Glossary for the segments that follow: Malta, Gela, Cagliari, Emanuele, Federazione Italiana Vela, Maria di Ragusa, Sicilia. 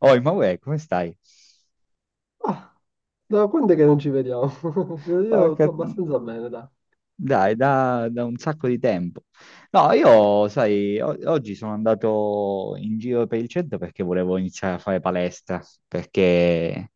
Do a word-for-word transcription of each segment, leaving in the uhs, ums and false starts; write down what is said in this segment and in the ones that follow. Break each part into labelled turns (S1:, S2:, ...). S1: Oh, Emanuele, come stai?
S2: Ah, da quando è che non ci vediamo? Io sto
S1: Porca-
S2: abbastanza bene, dai.
S1: Dai, da, da un sacco di tempo. No, io, sai, o- oggi sono andato in giro per il centro perché volevo iniziare a fare palestra, perché,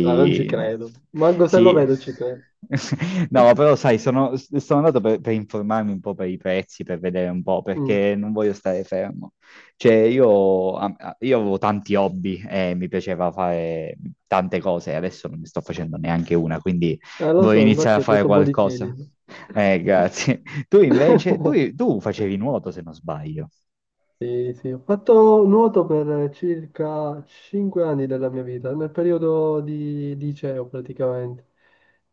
S2: Dai, non ci credo. Manco se lo
S1: sì,
S2: vedo ci credo.
S1: no, però, sai, sono, sono andato per, per informarmi un po' per i prezzi, per vedere un po',
S2: Mm.
S1: perché non voglio stare fermo. Cioè, io, a- a- io avevo tanti hobby e mi piaceva fare tante cose, adesso non ne sto facendo neanche una, quindi...
S2: Eh, lo
S1: Vuoi
S2: so,
S1: iniziare
S2: infatti
S1: a
S2: hai
S1: fare
S2: preso un po' di
S1: qualcosa?
S2: chili.
S1: Eh, grazie. Tu invece, tu, tu facevi nuoto se non sbaglio.
S2: Sì, sì, ho fatto nuoto per circa cinque anni della mia vita, nel periodo di di liceo praticamente.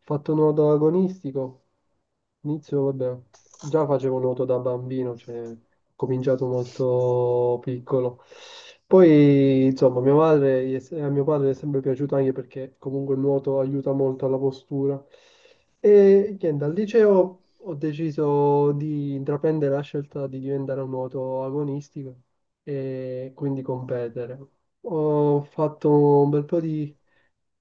S2: Ho fatto nuoto agonistico, inizio, vabbè, già facevo nuoto da bambino, cioè ho cominciato molto piccolo. Poi, insomma, mia madre, gli è- a mio padre è sempre piaciuto anche perché comunque il nuoto aiuta molto alla postura. E niente, al liceo ho deciso di intraprendere la scelta di diventare un nuoto agonistico e quindi competere. Ho fatto un bel po' di,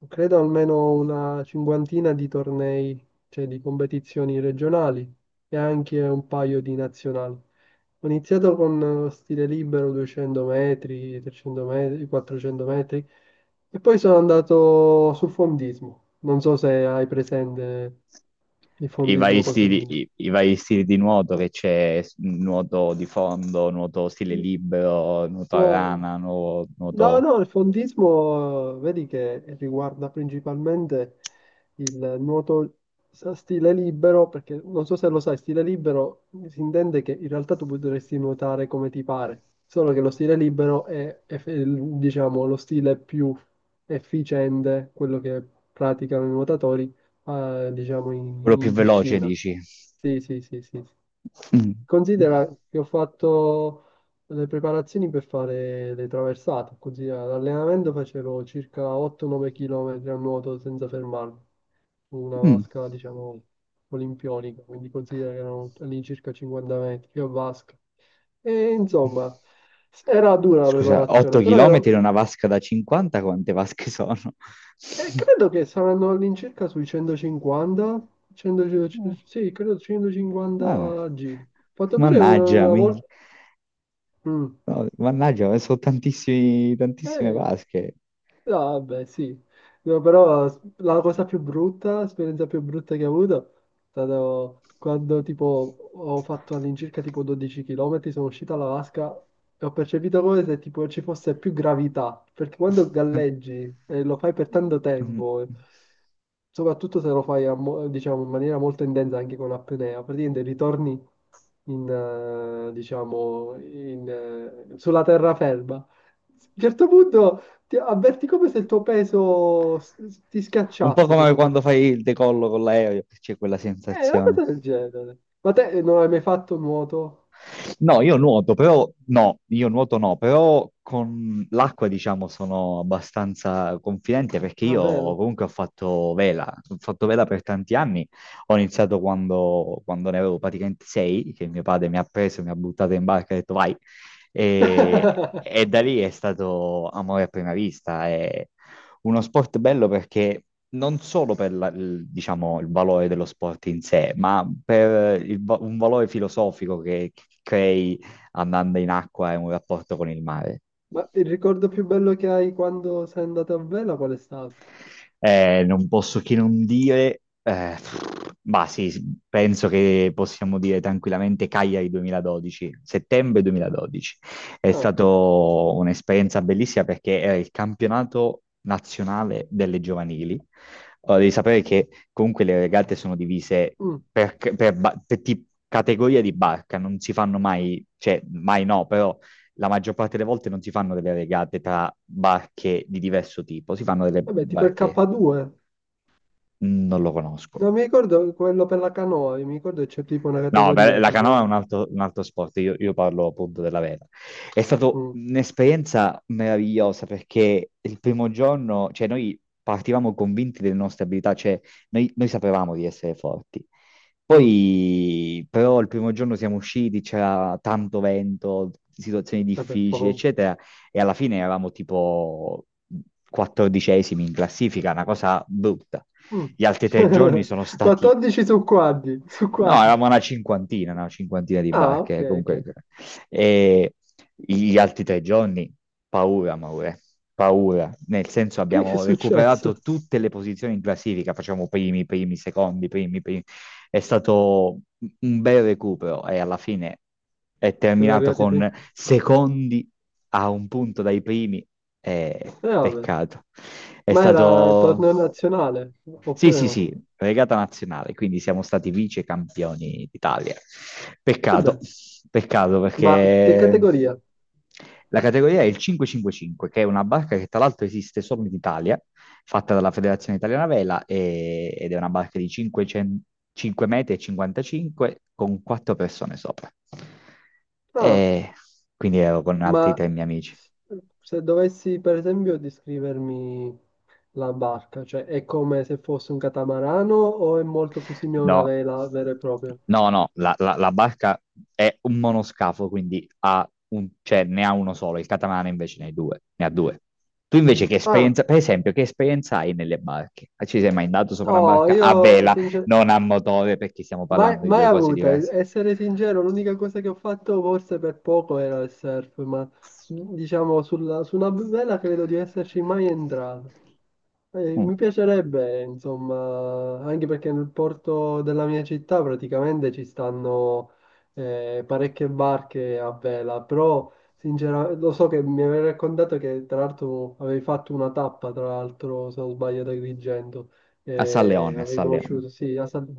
S2: credo almeno una cinquantina di tornei, cioè di competizioni regionali e anche un paio di nazionali. Ho iniziato con eh, stile libero duecento metri, trecento metri, quattrocento metri e poi sono andato sul fondismo. Non so se hai presente il
S1: I vari
S2: fondismo
S1: stili,
S2: cosetino.
S1: i, i vari stili di nuoto che c'è, s- nuoto di fondo, nuoto stile libero, nuoto a
S2: No,
S1: rana, nuo-
S2: no,
S1: nuoto.
S2: no, il fondismo eh, vedi che riguarda principalmente il nuoto sa- stile libero, perché non so se lo sai, stile libero si intende che in realtà tu potresti nuotare come ti pare, solo che lo stile libero è, è fe- diciamo, lo stile più efficiente, quello che praticano i nuotatori, eh, diciamo,
S1: Quello
S2: in
S1: più
S2: in
S1: veloce,
S2: piscina.
S1: dici?
S2: Sì, sì, sì, sì, sì.
S1: Mm.
S2: Considera che ho fatto le preparazioni per fare le traversate, così all'allenamento facevo circa otto o nove chilometri km a nuoto senza fermarmi, su una
S1: Mm.
S2: vasca, diciamo, olimpionica, quindi considera che erano all'incirca cinquanta metri, più a vasca. E insomma, era dura la
S1: Scusa, 8
S2: preparazione, però
S1: km
S2: ero...
S1: in una vasca da cinquanta, quante vasche sono?
S2: E credo che saranno all'incirca sui centocinquanta, cento,
S1: Oh,
S2: sì, credo
S1: vabbè.
S2: centocinquanta giri. Ho fatto pure una,
S1: Mannaggia,
S2: una
S1: minchia.
S2: volta... Mm.
S1: No, mannaggia, ho messo tantissimi, tantissime
S2: Eh,
S1: vasche.
S2: no, vabbè, sì. No, però s- la cosa più brutta, l'esperienza più brutta che ho avuto è stato quando tipo ho fatto all'incirca tipo dodici chilometri, sono uscito dalla vasca e ho percepito come se tipo ci fosse più gravità, perché quando galleggi e lo fai per tanto
S1: Mm.
S2: tempo soprattutto se lo fai a mo- diciamo, in maniera molto intensa anche con apnea, praticamente ritorni in, eh, diciamo, in, eh, sulla terraferma. A un certo punto ti avverti come se il tuo peso s- s- ti
S1: Un po'
S2: schiacciasse
S1: come
S2: proprio per
S1: quando
S2: te.
S1: fai il decollo con l'aereo, che c'è quella
S2: È una
S1: sensazione.
S2: cosa del genere. Ma te eh, non hai mai fatto nuoto?
S1: No, io nuoto, però no, io nuoto no, però con l'acqua diciamo sono abbastanza confidente perché
S2: Ah,
S1: io
S2: vero?
S1: comunque ho fatto vela, ho fatto vela per tanti anni, ho iniziato quando, quando ne avevo praticamente sei, che mio padre mi ha preso, mi ha buttato in barca e ha detto vai, e, e da lì è stato amore a prima vista, è uno sport bello perché non solo per la- il, diciamo, il valore dello sport in sé, ma per il va- un valore filosofico che crei andando in acqua e un rapporto con il mare.
S2: Ma il ricordo più bello che hai quando sei andato a vela qual è stato?
S1: Eh, non posso che non dire, eh, ma sì, penso che possiamo dire tranquillamente Cagliari duemiladodici, settembre duemiladodici. È
S2: Ah,
S1: stata un'esperienza bellissima perché era il campionato nazionale delle giovanili. Allora, devi sapere che comunque le regate sono divise
S2: mm.
S1: per, per ba- per ti- categoria di barca, non si fanno mai, cioè mai no, però la maggior parte delle volte non si fanno delle regate tra barche di diverso tipo, si fanno delle
S2: Vabbè, tipo il
S1: barche.
S2: K due.
S1: Mm. Non lo conosco.
S2: Non mi ricordo quello per la canoa, mi ricordo che c'è tipo una
S1: No, beh,
S2: categoria
S1: la canoa è
S2: tipo...
S1: un altro, un altro sport, io, io parlo appunto della vela. È stata
S2: mm,
S1: un'esperienza meravigliosa perché il primo giorno, cioè noi partivamo convinti delle nostre abilità, cioè noi, noi sapevamo di essere forti.
S2: mm,
S1: Poi però il primo giorno siamo usciti, c'era tanto vento, situazioni
S2: vabbè,
S1: difficili,
S2: proprio...
S1: eccetera, e alla fine eravamo tipo quattordicesimi in classifica, una cosa brutta.
S2: mm.
S1: Gli altri tre giorni sono stati...
S2: quattordici su quadri, su
S1: No,
S2: quadri.
S1: eravamo una cinquantina, una cinquantina di
S2: Ah, ok,
S1: barche,
S2: ok.
S1: comunque. E gli altri tre giorni, paura, Maure, paura. Nel senso
S2: Che, che è
S1: abbiamo recuperato
S2: successo?
S1: tutte le posizioni in classifica, facciamo primi, primi, secondi, primi, primi. È stato un bel recupero e alla fine è
S2: Siete
S1: terminato
S2: arrivati prima?
S1: con secondi a un punto dai primi. Eh,
S2: Eh, vabbè.
S1: peccato. È
S2: Ma era
S1: stato...
S2: torneo nazionale,
S1: Sì,
S2: oppure
S1: sì,
S2: no?
S1: sì, regata nazionale, quindi siamo stati vice campioni d'Italia. Peccato,
S2: Vabbè,
S1: peccato
S2: ma che
S1: perché
S2: categoria?
S1: la categoria è il cinque cinque cinque, che è una barca che tra l'altro esiste solo in Italia, fatta dalla Federazione Italiana Vela e- ed è una barca di cinquecento cinque metri e cinquantacinque con quattro persone sopra.
S2: Ah,
S1: E quindi ero con
S2: ma
S1: altri tre miei amici.
S2: se dovessi, per esempio, descrivermi... la barca, cioè è come se fosse un catamarano o è molto più simile a una
S1: No,
S2: vela vera e propria?
S1: no, no, la, la- la barca è un monoscafo, quindi ha un- cioè, ne ha uno solo. Il catamarano invece ne ha due, ne ha due. Tu invece che
S2: Ah,
S1: esperienza, per esempio, che esperienza hai nelle barche? Ah, ci sei mai andato sopra una
S2: no,
S1: barca a
S2: io
S1: vela,
S2: sincer-
S1: non a motore, perché stiamo
S2: mai,
S1: parlando di
S2: mai
S1: due cose
S2: avuta, e-
S1: diverse?
S2: essere sincero, l'unica cosa che ho fatto forse per poco era il surf, ma su- diciamo sulla- su una vela credo di esserci mai entrato. Eh,
S1: Mm.
S2: mi piacerebbe, insomma, anche perché nel porto della mia città praticamente ci stanno eh, parecchie barche a vela, però sinceramente lo so che mi avevi raccontato che tra l'altro avevi fatto una tappa, tra l'altro se non sbaglio, ad Agrigento,
S1: A San
S2: eh,
S1: Leone, a
S2: avevi
S1: San Leone.
S2: conosciuto, sì, a San-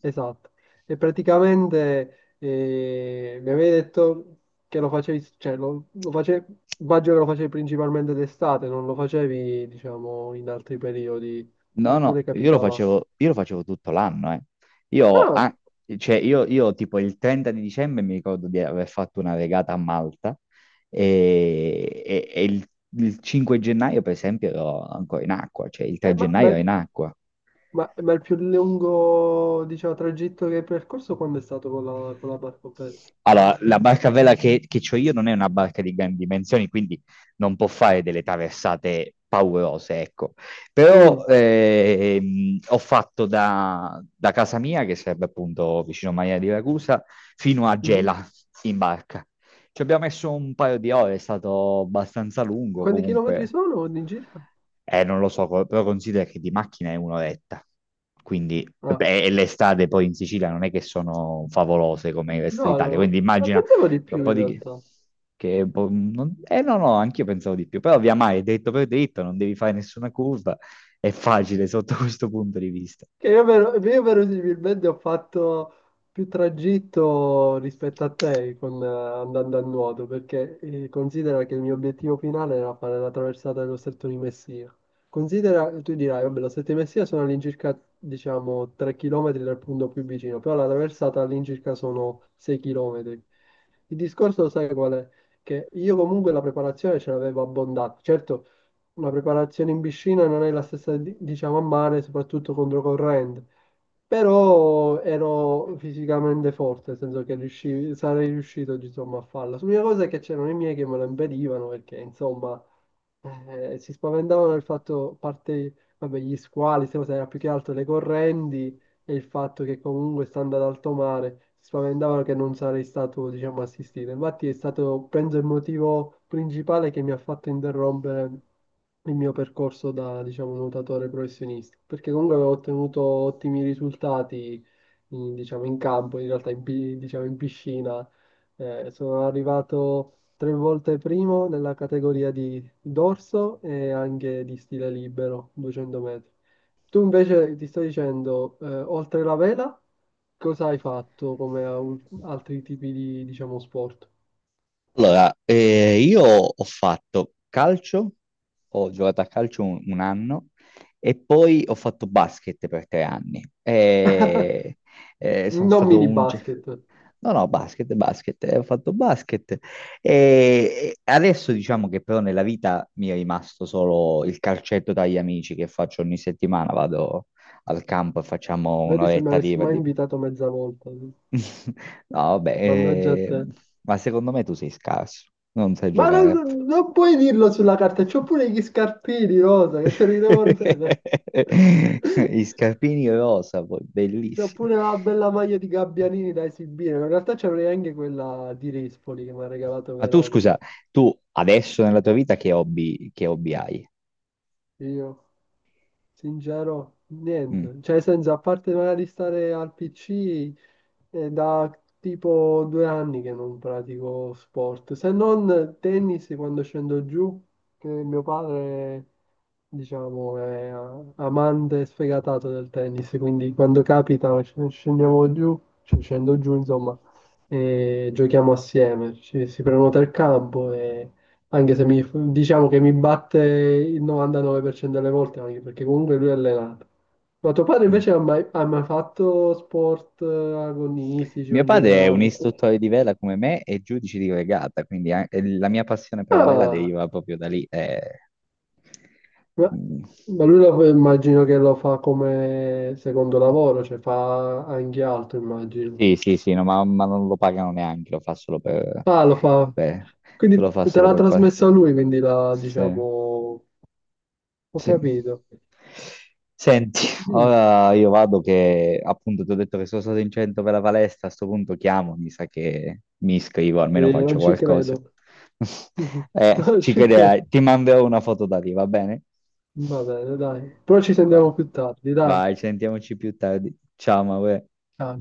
S2: esatto, e praticamente eh, mi avevi detto che lo facevi, cioè lo, lo facevi, immagino che lo facevi principalmente d'estate, non lo facevi, diciamo, in altri periodi,
S1: No, no,
S2: oppure
S1: io lo
S2: capitava.
S1: facevo, io lo facevo tutto l'anno, eh. Io,
S2: Ah,
S1: ah, cioè, io, io tipo il trenta di dicembre mi ricordo di aver fatto una regata a Malta e, e- e il, il cinque gennaio, per esempio, ero ancora in acqua, cioè il tre
S2: eh, ma,
S1: gennaio
S2: ma-
S1: ero in acqua.
S2: ma- ma il più lungo, diciamo, tragitto che hai percorso quando è stato con la, con la barcopelle?
S1: Allora, la barca a vela che, che ho io non è una barca di grandi dimensioni, quindi non può fare delle traversate paurose, ecco. Però
S2: Mm,
S1: ehm, ho fatto da, da casa mia, che sarebbe appunto vicino a Maria di Ragusa, fino a
S2: mhm.
S1: Gela in barca. Ci abbiamo messo un paio di ore, è stato abbastanza lungo
S2: Quanti chilometri
S1: comunque.
S2: sono all'incirca?
S1: Eh, non lo so, co- però considera che di macchina è un'oretta. Quindi,
S2: Ah,
S1: beh, e le strade poi in Sicilia non è che sono favolose come il resto
S2: no, no,
S1: d'Italia.
S2: no,
S1: Quindi
S2: ma
S1: immagina
S2: pensavo di
S1: un
S2: più
S1: po'
S2: in
S1: di...
S2: realtà.
S1: Che è po- non- eh no, no, anch'io pensavo di più. Però via mare, dritto per dritto, non devi fare nessuna curva. È facile sotto questo punto di vista.
S2: Che io, vero- io verosimilmente ho fatto più tragitto rispetto a te con, eh, andando a nuoto, perché eh, considera che il mio obiettivo finale era fare la traversata dello Stretto di Messina. Considera, tu dirai, vabbè, lo Stretto di Messina sono all'incirca, diciamo, tre chilometri dal punto più vicino, però la traversata all'incirca sono sei chilometri. Il discorso lo sai qual è? Che io comunque la preparazione ce l'avevo abbondata. Certo, una preparazione in piscina non è la stessa, di- diciamo, a mare, soprattutto controcorrente. Però ero fisicamente forte, nel senso che riuscivi- sarei riuscito, insomma, a farla. L'unica cosa è che c'erano i miei che me lo impedivano perché, insomma, eh, si spaventavano del fatto, a parte, vabbè, gli squali, queste cose, era più che altro le correnti e il fatto che comunque stando ad alto mare si spaventavano che non sarei stato, diciamo, assistito. Infatti è stato, penso, il motivo principale che mi ha fatto interrompere il mio percorso da, diciamo, nuotatore professionista, perché comunque avevo ottenuto ottimi risultati, in- diciamo, in campo, in realtà in, pi- diciamo, in piscina. Eh, sono arrivato tre volte primo nella categoria di dorso e anche di stile libero, duecento metri. Tu invece ti sto dicendo, eh, oltre la vela, cosa hai fatto come a- altri tipi di, diciamo, sport?
S1: Allora, eh, io ho fatto calcio, ho giocato a calcio un, un anno e poi ho fatto basket per tre anni. E, eh, sono
S2: Non
S1: stato
S2: mini
S1: un... ge-
S2: basket.
S1: No, no, basket, basket, eh, ho fatto basket. E adesso diciamo che però nella vita mi è rimasto solo il calcetto dagli amici che faccio ogni settimana, vado al campo e facciamo
S2: Vedi se mi
S1: un'oretta di...
S2: avessi mai
S1: di-
S2: invitato mezza volta.
S1: No, vabbè,
S2: Mannaggia a
S1: eh,
S2: te.
S1: ma secondo me tu sei scarso, non sai
S2: Ma
S1: giocare. A
S2: non, non puoi dirlo sulla carta, c'ho pure gli scarpini rosa che te li devo bene.
S1: I scarpini rosa, poi
S2: C'ho
S1: bellissimi.
S2: pure la bella maglia di Gabbianini da esibire, ma in realtà c'avrei anche quella di Rispoli che mi ha regalato
S1: Ma tu,
S2: Veronica.
S1: scusa, tu adesso nella tua vita che hobby, che hobby hai?
S2: Io. Sincero,
S1: Mm,
S2: niente. Cioè, nel senso, a parte magari stare al P C, è da tipo due anni che non pratico sport, se non tennis quando scendo giù, che mio padre, diciamo, è amante sfegatato del tennis, quindi quando capita sc- scendiamo giù, cioè scendo giù, insomma, e giochiamo assieme. Ci- si prenota il campo e anche se mi, diciamo che mi batte il novantanove per cento delle volte, anche perché comunque lui è allenato. Ma tuo padre
S1: mm.
S2: invece ha mai, ha mai fatto sport eh, agonistici o
S1: Mio
S2: in
S1: padre è un
S2: generale?
S1: istruttore di vela come me e giudice di regata, quindi an- eh, la mia passione per la vela
S2: Ah,
S1: deriva proprio da lì. eh.
S2: ma,
S1: Mm.
S2: ma lui lo, fa- immagino che lo fa come secondo lavoro, cioè fa anche altro, immagino.
S1: Sì, sì, sì, no, ma, ma non lo pagano neanche, lo fa solo per...
S2: Ah, lo fa.
S1: Beh, te
S2: Quindi
S1: lo fa
S2: te
S1: solo
S2: l'ha
S1: per... pa-
S2: trasmesso a lui, quindi la,
S1: Sì,
S2: diciamo, ho
S1: sì.
S2: capito.
S1: Senti,
S2: Sì,
S1: ora io vado che appunto ti ho detto che sono stato in centro per la palestra, a sto punto chiamo, mi sa che mi iscrivo, almeno
S2: eh,
S1: faccio
S2: non ci
S1: qualcosa.
S2: credo.
S1: Eh,
S2: Non
S1: ci
S2: ci credo.
S1: crederai, ti manderò una foto da lì, va bene?
S2: Va bene, dai. Però ci
S1: Va.
S2: sentiamo più tardi, dai.
S1: Vai, sentiamoci più tardi. Ciao, Maure.
S2: Ciao.